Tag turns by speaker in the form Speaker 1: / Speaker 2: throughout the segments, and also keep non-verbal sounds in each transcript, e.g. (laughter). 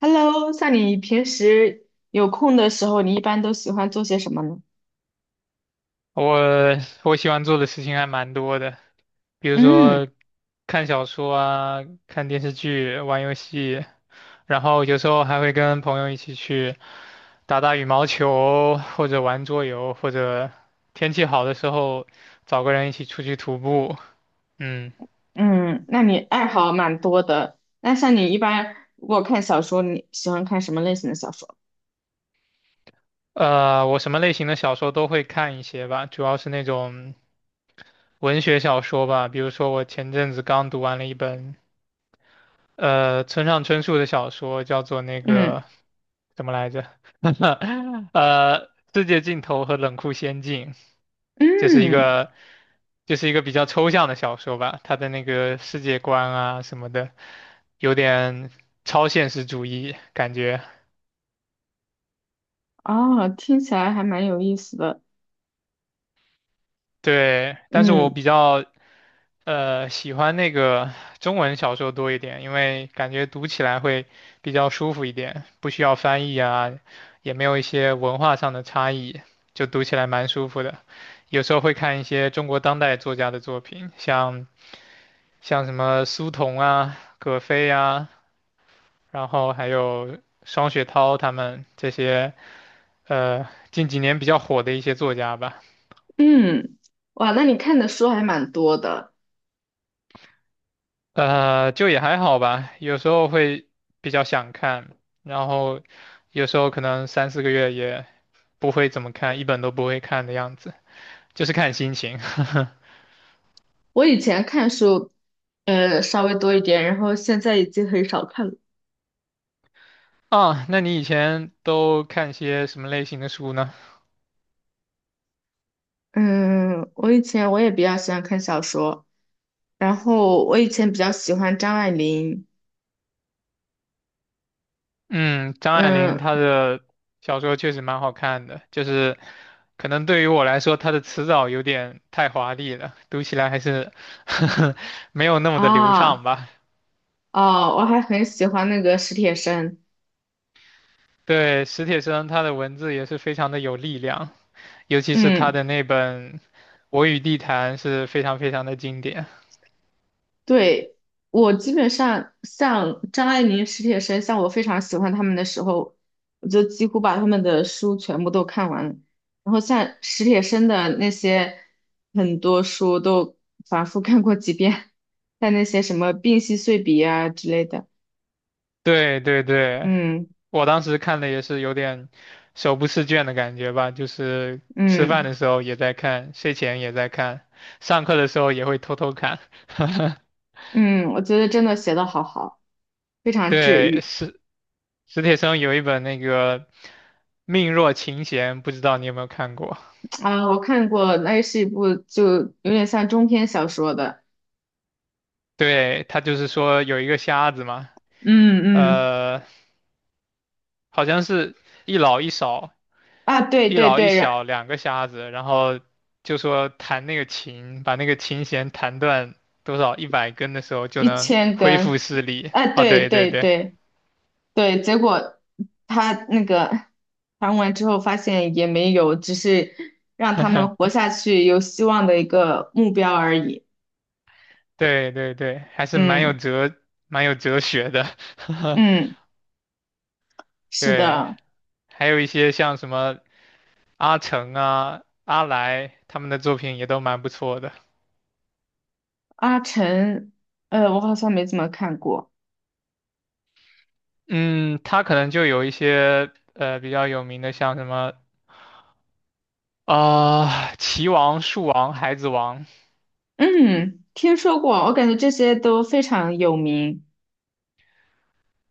Speaker 1: Hello，像你平时有空的时候，你一般都喜欢做些什么呢？
Speaker 2: 我我喜欢做的事情还蛮多的，比如
Speaker 1: 嗯
Speaker 2: 说看小说啊、看电视剧、玩游戏，然后有时候还会跟朋友一起去打打羽毛球，或者玩桌游，或者天气好的时候找个人一起出去徒步。嗯，
Speaker 1: 嗯，那你爱好蛮多的。那像你一般如果看小说，你喜欢看什么类型的小说？
Speaker 2: 我什么类型的小说都会看一些吧，主要是那种文学小说吧，比如说我前阵子刚读完了一本。村上春树的小说叫做那
Speaker 1: 嗯
Speaker 2: 个怎么来着？(laughs) 呃，《世界尽头》和《冷酷仙境》，就是一
Speaker 1: 嗯，
Speaker 2: 个就是一个比较抽象的小说吧。他的那个世界观啊什么的，有点超现实主义感觉。
Speaker 1: 哦，听起来还蛮有意思的。
Speaker 2: 对，但是我
Speaker 1: 嗯
Speaker 2: 比较喜欢那个中文小说多一点，因为感觉读起来会比较舒服一点，不需要翻译啊，也没有一些文化上的差异，就读起来蛮舒服的。有时候会看一些中国当代作家的作品，像什么苏童啊、葛飞啊，然后还有双雪涛他们这些近几年比较火的一些作家吧。
Speaker 1: 嗯，哇，那你看的书还蛮多的。
Speaker 2: 就也还好吧，有时候会比较想看，然后有时候可能3、4个月也不会怎么看，一本都不会看的样子，就是看心情。(laughs)
Speaker 1: 我以前看书，稍微多一点，然后现在已经很少看了。
Speaker 2: 啊，那你以前都看些什么类型的书呢？
Speaker 1: 嗯，我以前我也比较喜欢看小说。然后我以前比较喜欢张爱玲，
Speaker 2: 嗯，张爱玲她
Speaker 1: 嗯
Speaker 2: 的小说确实蛮好看的，就是可能对于我来说，她的词藻有点太华丽了，读起来还是 (laughs) 没有那么的流畅
Speaker 1: 啊
Speaker 2: 吧。
Speaker 1: 哦，我还很喜欢那个史铁生，
Speaker 2: 对，史铁生他的文字也是非常的有力量，尤其是他
Speaker 1: 嗯，
Speaker 2: 的那本《我与地坛》是非常非常的经典。
Speaker 1: 对，我基本上像张爱玲、史铁生，像我非常喜欢他们的时候，我就几乎把他们的书全部都看完了。然后像史铁生的那些很多书都反复看过几遍，像那些什么《病隙碎笔》啊之类的，
Speaker 2: 对对对，
Speaker 1: 嗯
Speaker 2: 我当时看的也是有点手不释卷的感觉吧，就是吃饭
Speaker 1: 嗯
Speaker 2: 的时候也在看，睡前也在看，上课的时候也会偷偷看。(laughs)
Speaker 1: 嗯，我觉得真的写的好好。非常治
Speaker 2: 对，
Speaker 1: 愈。
Speaker 2: 史铁生有一本那个《命若琴弦》，不知道你有没有看过？
Speaker 1: 啊！我看过，那是一部就有点像中篇小说的，
Speaker 2: 对，他就是说有一个瞎子嘛，
Speaker 1: 嗯嗯
Speaker 2: 呃。好像是一老一少，
Speaker 1: 啊，对
Speaker 2: 一
Speaker 1: 对
Speaker 2: 老一
Speaker 1: 对，
Speaker 2: 小两个瞎子，然后就说弹那个琴，把那个琴弦弹断多少100根的时候就
Speaker 1: 一
Speaker 2: 能
Speaker 1: 千
Speaker 2: 恢复
Speaker 1: 根，
Speaker 2: 视力。
Speaker 1: 啊，
Speaker 2: 啊，
Speaker 1: 对
Speaker 2: 对对
Speaker 1: 对
Speaker 2: 对
Speaker 1: 对对，结果他那个谈完之后发现也没有，只是让他们活下去有希望的一个目标而已。
Speaker 2: 对对对，还是蛮有
Speaker 1: 嗯
Speaker 2: 哲蛮有哲学的。
Speaker 1: 嗯，
Speaker 2: (laughs)
Speaker 1: 是
Speaker 2: 对，
Speaker 1: 的，
Speaker 2: 还有一些像什么阿成啊、阿来他们的作品也都蛮不错的。
Speaker 1: 阿晨，我好像没怎么看过，
Speaker 2: 嗯，他可能就有一些比较有名的，像什么啊，棋王、树王、孩子王，
Speaker 1: 嗯，听说过，我感觉这些都非常有名。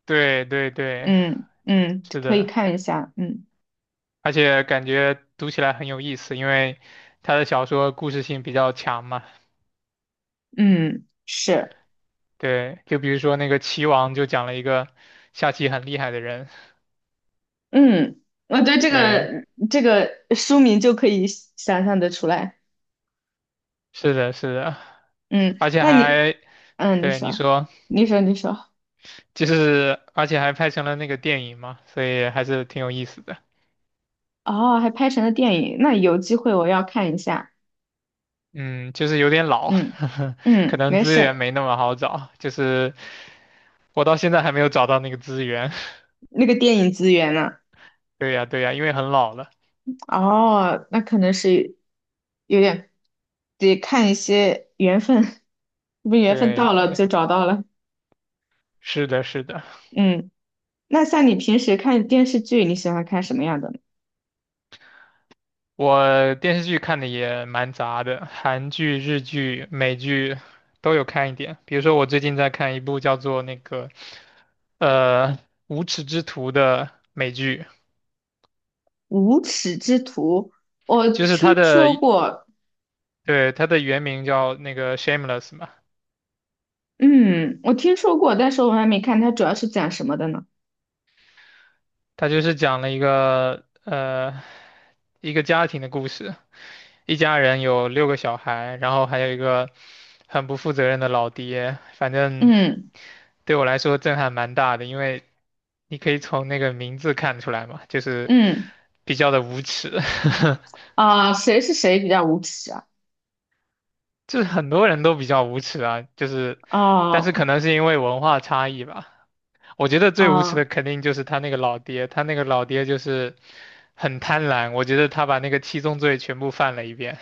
Speaker 2: 对对对，
Speaker 1: 嗯嗯，
Speaker 2: 是
Speaker 1: 可以
Speaker 2: 的，
Speaker 1: 看一下，嗯
Speaker 2: 而且感觉读起来很有意思，因为他的小说故事性比较强嘛。
Speaker 1: 嗯是，
Speaker 2: 对，就比如说那个棋王就讲了一个下棋很厉害的人，
Speaker 1: 嗯，我对这
Speaker 2: 对，
Speaker 1: 个这个书名就可以想象的出来，
Speaker 2: 是的，是的，
Speaker 1: 嗯，
Speaker 2: 而且
Speaker 1: 那你，
Speaker 2: 还，
Speaker 1: 嗯，你
Speaker 2: 对，
Speaker 1: 说，你说，你说，
Speaker 2: 就是而且还拍成了那个电影嘛，所以还是挺有意思的。
Speaker 1: 哦，还拍成了电影，那有机会我要看一下，
Speaker 2: 嗯，就是有点老，
Speaker 1: 嗯
Speaker 2: (laughs) 可
Speaker 1: 嗯，
Speaker 2: 能
Speaker 1: 没
Speaker 2: 资源
Speaker 1: 事，
Speaker 2: 没那么好找，就是我到现在还没有找到那个资源。
Speaker 1: 那个电影资源呢？
Speaker 2: (laughs) 对呀，对呀，因为很老了。
Speaker 1: 哦，那可能是有点得看一些缘分，(laughs) 是不是缘分
Speaker 2: 对
Speaker 1: 到了
Speaker 2: 对，
Speaker 1: 就找到了，
Speaker 2: 是的，是的。
Speaker 1: 嗯。那像你平时看电视剧，你喜欢看什么样的呢？
Speaker 2: 我电视剧看的也蛮杂的，韩剧、日剧、美剧都有看一点。比如说，我最近在看一部叫做那个呃《无耻之徒》的美剧，
Speaker 1: 无耻之徒，我
Speaker 2: 就是
Speaker 1: 听
Speaker 2: 它的
Speaker 1: 说过，
Speaker 2: 对它的原名叫那个 Shameless 嘛，
Speaker 1: 嗯，我听说过，但是我还没看。它主要是讲什么的呢？
Speaker 2: 它就是讲了一个一个家庭的故事。一家人有6个小孩，然后还有一个很不负责任的老爹，反正
Speaker 1: 嗯
Speaker 2: 对我来说震撼蛮大的，因为你可以从那个名字看出来嘛，就是
Speaker 1: 嗯，
Speaker 2: 比较的无耻，
Speaker 1: 啊、谁是谁比较无耻啊？
Speaker 2: (laughs) 就是很多人都比较无耻啊，但是可
Speaker 1: 啊
Speaker 2: 能是因为文化差异吧，我觉得最无耻的
Speaker 1: 啊
Speaker 2: 肯定就是他那个老爹，他那个老爹就是很贪婪，我觉得他把那个七宗罪全部犯了一遍。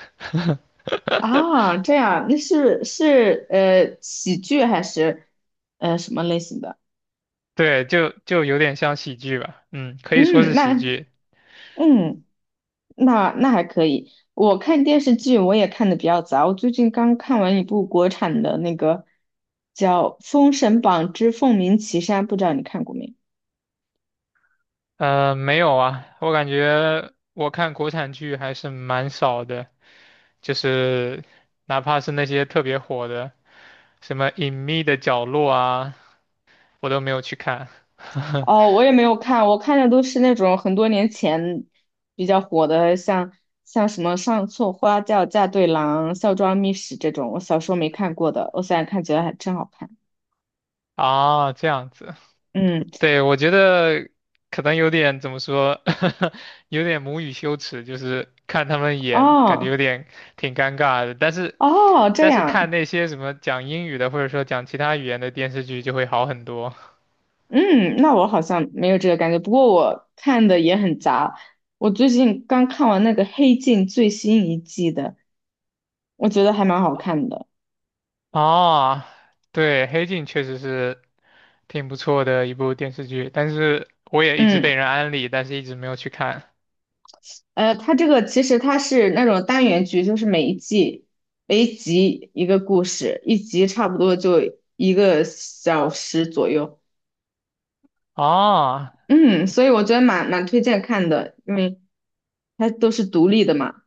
Speaker 1: 啊，这样，那是喜剧还是什么类型的？
Speaker 2: 对，就有点像喜剧吧，嗯，可以说
Speaker 1: 嗯，
Speaker 2: 是喜
Speaker 1: 那
Speaker 2: 剧。
Speaker 1: 嗯还可以。我看电视剧我也看的比较杂，我最近刚看完一部国产的那个叫《封神榜之凤鸣岐山》，不知道你看过没？
Speaker 2: 没有啊，我感觉我看国产剧还是蛮少的，就是哪怕是那些特别火的，什么《隐秘的角落》啊，我都没有去看。(laughs)
Speaker 1: 哦，我也没有看，我看的都是那种很多年前比较火的，像什么《上错花轿嫁对郎》《孝庄秘史》这种，我小时候没看过的，我现在看觉得还真好看。
Speaker 2: 啊，这样子。
Speaker 1: 嗯，
Speaker 2: 对，我觉得可能有点怎么说，(laughs) 有点母语羞耻，就是看他们演，感觉有
Speaker 1: 哦
Speaker 2: 点挺尴尬的。
Speaker 1: 哦，这
Speaker 2: 但是
Speaker 1: 样。
Speaker 2: 看那些什么讲英语的，或者说讲其他语言的电视剧就会好很多。
Speaker 1: 嗯，那我好像没有这个感觉，不过我看的也很杂。我最近刚看完那个《黑镜》最新一季的，我觉得还蛮好看的。
Speaker 2: 啊，对，《黑镜》确实是挺不错的一部电视剧，但是我也一直
Speaker 1: 嗯，
Speaker 2: 被人安利，但是一直没有去看。
Speaker 1: 它这个其实它是那种单元剧，就是每一季每一集一个故事，一集差不多就一个小时左右。
Speaker 2: 啊，
Speaker 1: 嗯，所以我觉得蛮推荐看的，因为它都是独立的嘛。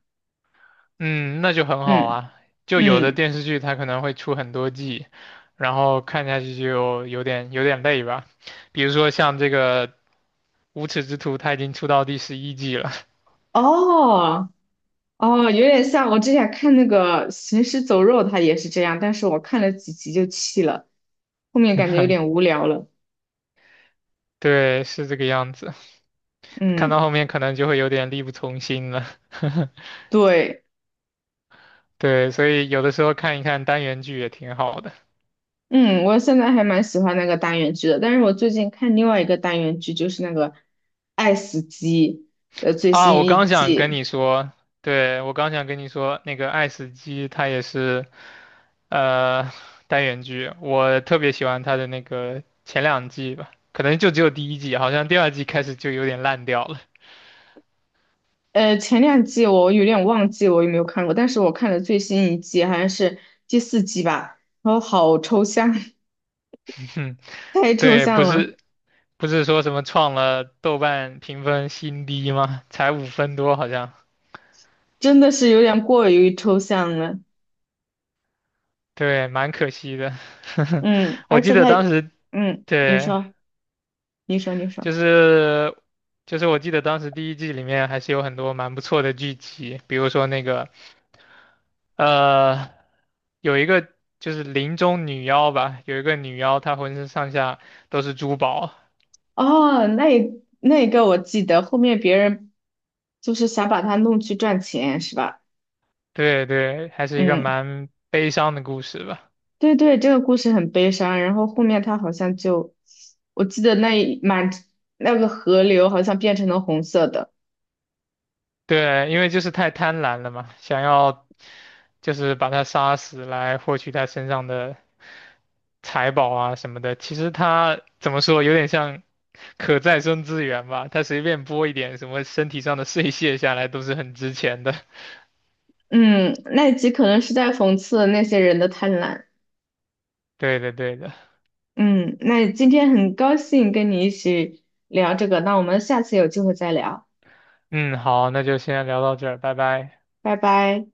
Speaker 2: 嗯，那就很好
Speaker 1: 嗯
Speaker 2: 啊。就有的
Speaker 1: 嗯，
Speaker 2: 电视剧它可能会出很多季，然后看下去就有点累吧。比如说像这个《无耻之徒》，它已经出到第11季了，
Speaker 1: 哦。哦，有点像我之前看那个《行尸走肉》，它也是这样，但是我看了几集就弃了，后面感觉有
Speaker 2: (laughs)
Speaker 1: 点无聊了。
Speaker 2: 对，是这个样子。看
Speaker 1: 嗯，
Speaker 2: 到后面可能就会有点力不从心了。(laughs)
Speaker 1: 对，
Speaker 2: 对，所以有的时候看一看单元剧也挺好的
Speaker 1: 嗯，我现在还蛮喜欢那个单元剧的，但是我最近看另外一个单元剧，就是那个《爱死机》的最
Speaker 2: 啊。
Speaker 1: 新
Speaker 2: 我
Speaker 1: 一
Speaker 2: 刚想跟
Speaker 1: 季。
Speaker 2: 你说，对，我刚想跟你说，那个爱死机它也是。呃，单元剧，我特别喜欢它的那个前两季吧，可能就只有第一季，好像第二季开始就有点烂掉了。
Speaker 1: 前两季我有点忘记我有没有看过，但是我看了最新一季，好像是第四季吧，然后好抽象，
Speaker 2: (laughs) 哼，
Speaker 1: (laughs) 太抽
Speaker 2: 对，不
Speaker 1: 象了，
Speaker 2: 是不是说什么创了豆瓣评分新低吗？才5分多好像，
Speaker 1: 真的是有点过于抽象了。
Speaker 2: 对，蛮可惜的。(laughs)
Speaker 1: 嗯，
Speaker 2: 我
Speaker 1: 而
Speaker 2: 记
Speaker 1: 且
Speaker 2: 得
Speaker 1: 他，
Speaker 2: 当时，
Speaker 1: 嗯，你
Speaker 2: 对，
Speaker 1: 说，你说，你说，
Speaker 2: 就是就是我记得当时第一季里面还是有很多蛮不错的剧集，比如说那个呃有一个就是林中女妖吧，有一个女妖她浑身上下都是珠宝，
Speaker 1: 哦，那一个我记得，后面别人就是想把他弄去赚钱，是吧？
Speaker 2: 对对，还是一个
Speaker 1: 嗯，
Speaker 2: 蛮悲伤的故事吧。
Speaker 1: 对对，这个故事很悲伤。然后后面他好像就，我记得那一满那个河流好像变成了红色的。
Speaker 2: 对，因为就是太贪婪了嘛，想要就是把她杀死来获取她身上的财宝啊什么的，其实它怎么说，有点像可再生资源吧，它随便拨一点什么身体上的碎屑下来都是很值钱的。
Speaker 1: 嗯，那一集可能是在讽刺那些人的贪婪。
Speaker 2: (laughs) 对的，对的。
Speaker 1: 嗯，那今天很高兴跟你一起聊这个，那我们下次有机会再聊，
Speaker 2: 嗯，好，那就先聊到这儿，拜拜。
Speaker 1: 拜拜。